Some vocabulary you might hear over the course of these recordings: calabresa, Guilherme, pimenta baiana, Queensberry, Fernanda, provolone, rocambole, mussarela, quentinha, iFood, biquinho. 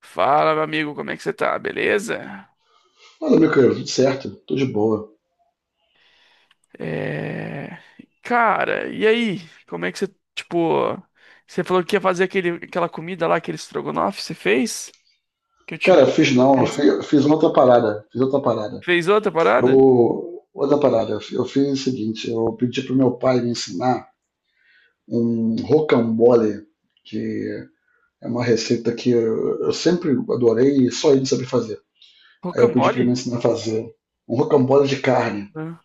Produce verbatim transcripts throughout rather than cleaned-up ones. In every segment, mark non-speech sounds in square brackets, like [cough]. Fala, meu amigo, como é que você tá? Beleza? Olha, meu querido, tudo certo, tô de boa. É. Cara, e aí? Como é que você, tipo, você falou que ia fazer aquele, aquela comida lá, aquele estrogonofe, você fez? Que eu te. Cara, fiz não, fiz, fiz outra parada, fiz outra parada. Fez outra parada? Eu, outra parada, eu fi- eu fiz o seguinte, eu pedi pro meu pai me ensinar um rocambole, que é uma receita que eu, eu sempre adorei e só ele sabe fazer. Aí eu pedi pra Rocambole? ele me ensinar a fazer um rocambole de carne, Né?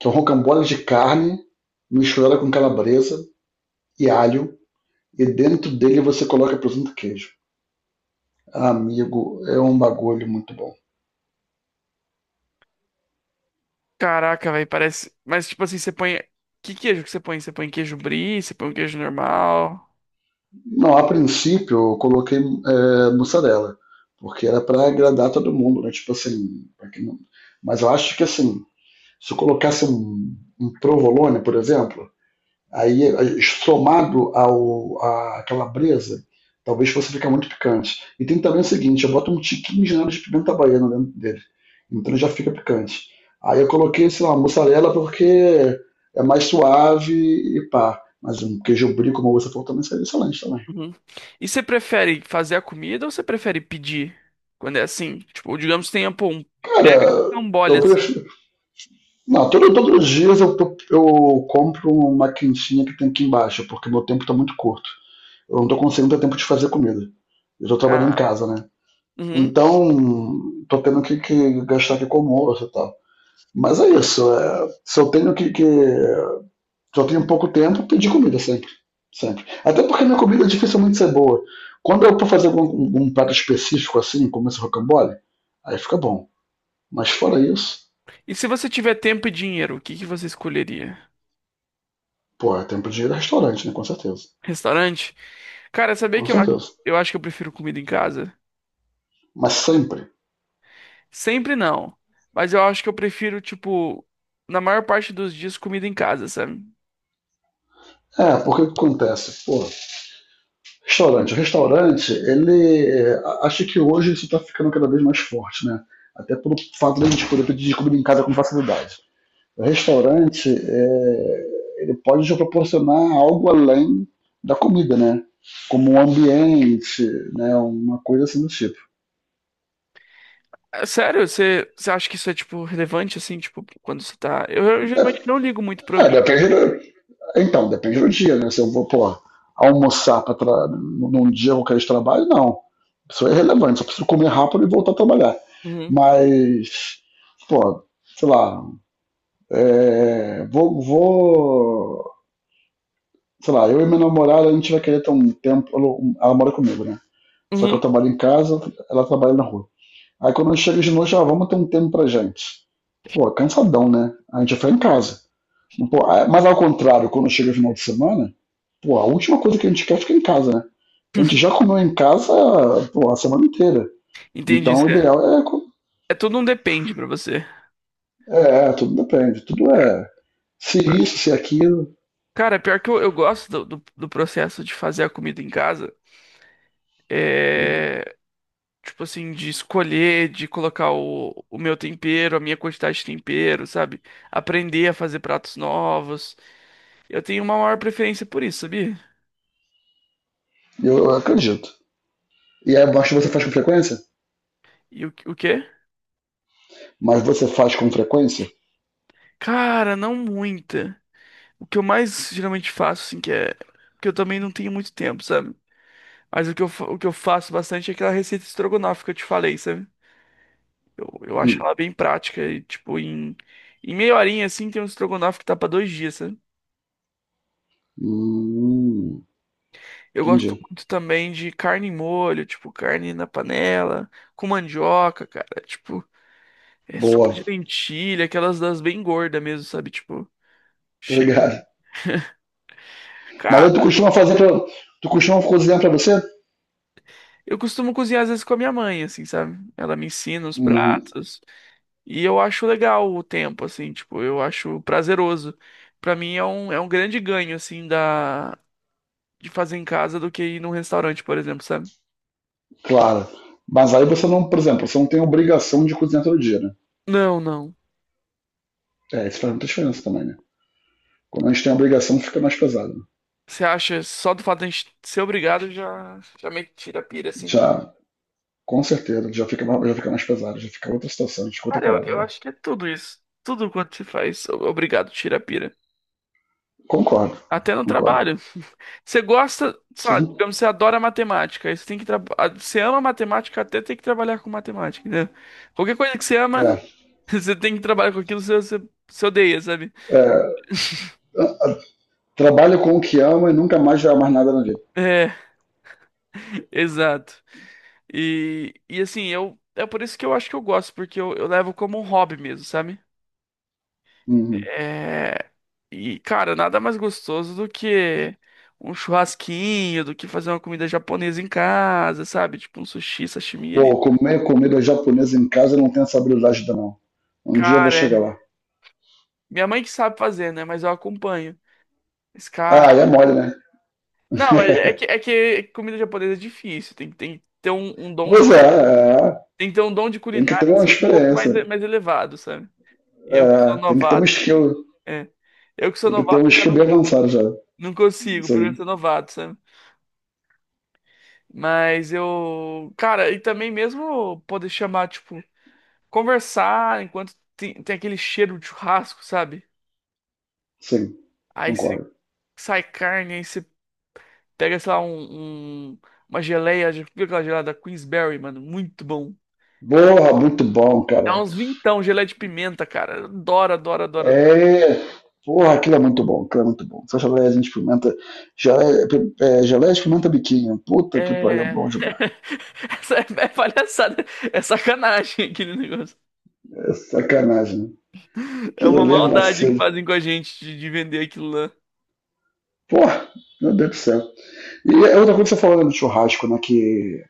que é um rocambole de carne misturada com calabresa e alho, e dentro dele você coloca presunto e queijo. Amigo, é um bagulho muito bom. Caraca, velho, parece, mas tipo assim, você põe que queijo que você põe? Você põe queijo brie, você põe um queijo normal? Não, a princípio eu coloquei é, mussarela, porque era para agradar todo mundo, né? Tipo assim, pra que não- mas eu acho que assim, se eu colocasse um, um provolone, por exemplo, aí aí, somado ao à calabresa, talvez fosse ficar muito picante. E tem também o seguinte, eu boto um tiquinho de nada de pimenta baiana dentro dele, então já fica picante. Aí eu coloquei, sei lá, mussarela porque é mais suave e pá. Mas um queijo brie, como você falou, também seria excelente também. Uhum. E você prefere fazer a comida ou você prefere pedir? Quando é assim, tipo, digamos que tenha, pô, um mega Cara, rocambole eu assim. prefiro. Não, todo, todos os dias eu, tô- eu compro uma quentinha que tem aqui embaixo, porque meu tempo tá muito curto. Eu não tô conseguindo ter tempo de fazer comida. Eu tô trabalhando em ah, casa, né? Uhum. Então, tô tendo que, que gastar aqui com almoço e tal. Mas é isso. É, se eu tenho que, que. Se eu tenho pouco tempo, pedir comida sempre. Sempre. Até porque minha comida é dificilmente ser boa. Quando eu tô fazendo um, um prato específico assim, como esse rocambole, aí fica bom. Mas fora isso. E se você tiver tempo e dinheiro, o que que você escolheria? Pô, é tempo de ir a restaurante, né? Com certeza. Restaurante? Cara, sabia Com que eu, acho- certeza. eu acho que eu prefiro comida em casa? Mas sempre. Sempre não. Mas eu acho que eu prefiro, tipo, na maior parte dos dias, comida em casa, sabe? É, porque o que acontece? Pô, restaurante. O restaurante, ele. é, a- acho que hoje isso tá ficando cada vez mais forte, né? Até pelo fato da gente poder pedir comida em casa com facilidade. O restaurante, é, ele pode te proporcionar algo além da comida, né? Como um ambiente, né? Uma coisa assim do tipo. É sério, você, você acha que isso é, tipo, relevante, assim, tipo, quando você tá. Eu, eu geralmente não ligo muito pro É, É, ambiente. depende do... Então, depende do dia, né? Se eu vou, pô, almoçar pra tra... num dia qualquer de trabalho, não. Isso é irrelevante, só preciso comer rápido e voltar a trabalhar. Uhum. Mas, pô, sei lá, é, vou, vou, sei lá, eu e minha namorada, a gente vai querer ter um tempo, ela, ela mora comigo, né? Só que eu Uhum. trabalho em casa, ela trabalha na rua. Aí quando eu chego de noite, ah, vamos ter um tempo pra gente. Pô, cansadão, né? A gente já foi em casa. Pô, ah, mas ao contrário, quando chega o final de semana, pô, a última coisa que a gente quer é ficar em casa, né? A gente já [laughs] comeu em casa, pô, a semana inteira. Entendi. Então o Isso É, ideal é, co- é tudo um depende pra você. é, é, Tudo depende, tudo é se isso, se aquilo, Cara, pior que eu, eu gosto do, do, do processo de fazer a comida em casa. é Tipo assim, de escolher, de colocar o, o meu tempero, a minha quantidade de tempero, sabe? Aprender a fazer pratos novos. Eu tenho uma maior preferência por isso, sabia? eu, eu acredito. E é baixo você faz com frequência? E o, o quê? Mas você faz com frequência? Cara, não muita. O que eu mais geralmente faço, assim, que é. Porque eu também não tenho muito tempo, sabe? Mas o que eu, fa- o que eu faço bastante é aquela receita estrogonofe que eu te falei, sabe? Eu, eu Hum, acho ela bem prática e, tipo, em, em meia horinha, assim, tem um estrogonofe que tá pra dois dias, sabe? hum, Eu gosto entendi. muito também de carne em molho, tipo, carne na panela, com mandioca, cara. Tipo, é sopa Boa, de lentilha, aquelas das bem gordas mesmo, sabe? Tipo, tô cheia. ligado. Mas aí tu Cara, costuma fazer pra, tu costuma cozinhar pra você? eu costumo cozinhar às vezes com a minha mãe, assim, sabe? Ela me ensina os Hum, pratos. E eu acho legal o tempo, assim, tipo, eu acho prazeroso. Pra mim é um, é um grande ganho, assim, da, de fazer em casa do que ir num restaurante, por exemplo, sabe? claro. Mas aí você não, por exemplo, você não tem obrigação de cozinhar todo dia, né? Não, não. É, isso faz muita diferença também, né? Quando a gente tem a obrigação, fica mais pesado. Você acha, só do fato de a gente ser obrigado já, já meio que tira a pira, assim. Já, com certeza, já fica, já fica mais pesado, já fica outra situação, a gente fica outra Cara, eu, parada. eu Já. acho que é tudo isso. Tudo quanto se faz. o- Obrigado, tira a pira. Concordo, Até no concordo. trabalho. [laughs] Você gosta, sabe, Sim. digamos, você adora matemática. aí Você tem que traba- a- Você ama matemática até tem que trabalhar com matemática, entendeu? Qualquer coisa que você ama, É, [laughs] você tem que trabalhar com aquilo, você, você, você odeia, sabe? é, trabalha com o que ama e nunca mais vai amar nada na vida. É, [laughs] exato. E, e assim, eu, é por isso que eu acho que eu gosto, porque eu, eu levo como um hobby mesmo, sabe? Uhum. É. E, cara, nada mais gostoso do que um churrasquinho, do que fazer uma comida japonesa em casa, sabe? Tipo um sushi, sashimi ali. Pô, comer comida japonesa em casa eu não tenho essa habilidade ainda não. Um dia eu vou Cara, é, chegar lá. minha mãe que sabe fazer, né? Mas eu acompanho. Esse Ah, e é cara. mole, né? Não, mas é que, [laughs] é que comida japonesa é difícil. Tem, tem que ter um, um dom de, Pois é, culi- é, tem que ter um dom de tem que ter culinária uma assim, um pouco mais, experiência. mais elevado, sabe? Eu que sou É, tem que ter um novato, assim. skill. É. Eu que sou Tem que ter um novato, eu já skill não, bem avançado já. não consigo, por eu Sim, ser novato, sabe? Mas eu, cara, e também mesmo poder chamar, tipo, conversar enquanto tem, tem aquele cheiro de churrasco, sabe? sim, Aí se concordo. sai carne, aí você pega, sei lá, um, um- uma geleia, já viu aquela geleia da Queensberry, mano? Muito bom. Porra, muito bom, É caraca. uns vintão, geleia de pimenta, cara. Adoro, adoro, adoro, adoro. É. Porra, aquilo é muito bom, aquilo é muito bom. Essa geleiazinha de pimenta. Geleia, é, geleia de pimenta biquinho. Puta que pariu, é É. bom demais. [laughs] Essa é é palhaçada, é sacanagem aquele negócio. É sacanagem. É Aquilo uma ali é um maldade que vacilo. fazem com a gente de, de vender aquilo lá. Porra, meu Deus do céu. E é outra coisa que você falou né, do churrasco, né? Que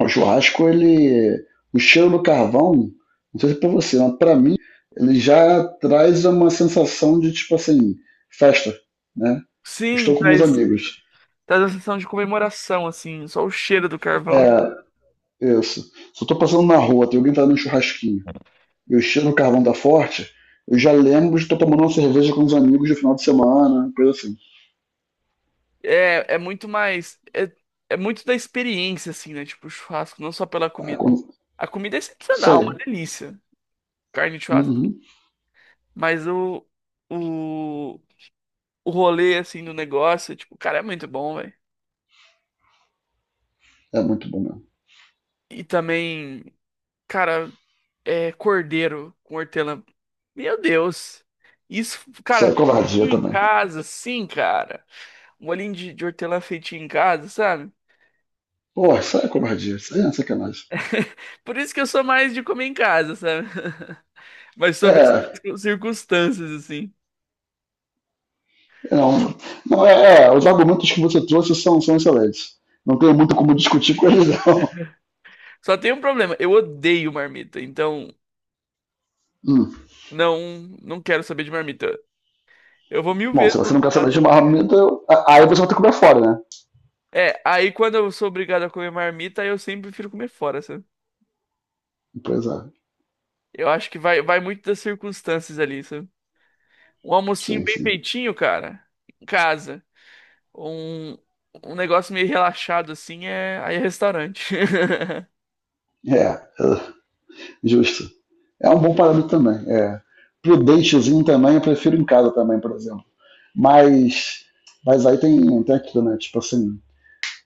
o churrasco, ele. O cheiro do carvão, não sei se é pra você, mas pra mim, ele já traz uma sensação de, tipo assim, festa, né? Estou Sim, com meus traz. amigos. Traz uma sensação de comemoração, assim, só o cheiro do carvão. É, isso. Se eu tô passando na rua, tem alguém tá no churrasquinho, e o cheiro do carvão tá forte, eu já lembro de estar tomando uma cerveja com os amigos no final de semana, coisa assim. É, é muito mais. É, é muito da experiência, assim, né? Tipo, o churrasco, não só pela Ah, comida. quando- A comida é isso excepcional, uma aí. delícia. Carne de churrasco. Uhum. Mas o, o, o rolê, assim, do negócio, tipo, cara, é muito bom, velho. É muito bom mesmo. E também, cara, é cordeiro com hortelã. Meu Deus. Isso, Isso cara, aí é covardia feitinho em também. casa, sim, cara. Um olhinho de, de hortelã feitinho em casa, sabe? Pô. Pô, isso aí é covardia, isso aí é sacanagem. [laughs] Por isso que eu sou mais de comer em casa, sabe? [laughs] Mas sob É, certas [laughs] circunstâncias, assim. não, não é, é, os argumentos que você trouxe são, são excelentes. Não tenho muito como discutir com eles, não. [laughs] Só tem um problema, eu odeio marmita, então Hum. não, não quero saber de marmita. Eu vou mil Bom, vezes. se você No. não quer saber de marmita, eu- a- aí você vai ter que comer fora, né? É, aí quando eu sou obrigado a comer marmita, eu sempre prefiro comer fora, sabe? Pois é, Eu acho que vai, vai muito das circunstâncias ali, sabe? Um almocinho sim, bem sim. feitinho, cara, em casa. Um, um negócio meio relaxado assim é aí é restaurante. [laughs] É, justo. É um bom parâmetro também. É. Prudentezinho também, eu prefiro em casa também, por exemplo. Mas, mas aí tem, tem aquilo, né? Tipo assim,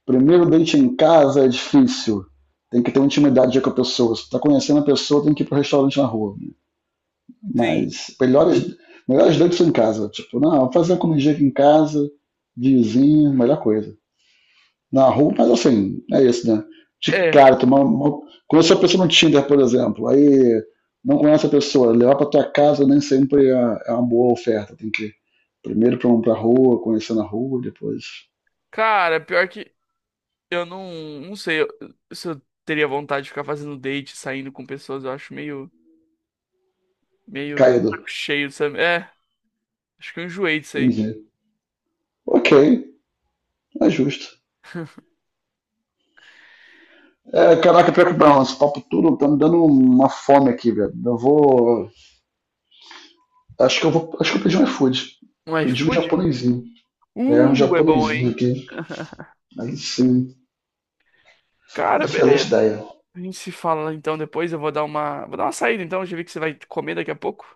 primeiro date em casa é difícil. Tem que ter intimidade com a pessoa. Se tá conhecendo a pessoa, tem que ir pro restaurante na rua. Sim. Mas melhores, melhores dates são em casa. Tipo, não, vou fazer uma comidinha aqui em casa, vizinho, melhor coisa na rua, mas assim, é isso, né? De É, cara, tomar uma... conhecer a pessoa no Tinder, por exemplo, aí não conhece a pessoa, levar para tua casa nem sempre é é uma boa oferta, tem que ir primeiro para pra rua, conhecer na rua, depois cara, pior que eu não, não sei eu- se eu teria vontade de ficar fazendo date, saindo com pessoas. Eu acho meio, meio caído, saco cheio, sabe? É, acho que eu enjoei disso aí. entendi. Ok, é justo. É, caraca, pior que não, esse papo tudo tá me dando uma fome aqui, velho. Eu vou, acho que eu vou, acho que eu pedi um iFood, Um pedi um iFood? japonesinho, é um Uh, é bom, japonesinho hein? aqui, [laughs] aí sim, Cara, excelente beleza. ideia, A gente se fala então depois. Eu vou dar uma, vou dar uma saída então. Já vi que você vai comer daqui a pouco.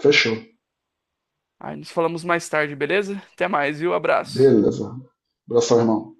fechou. Aí nos falamos mais tarde, beleza? Até mais, viu? Abraço. Beleza. Abração, irmão.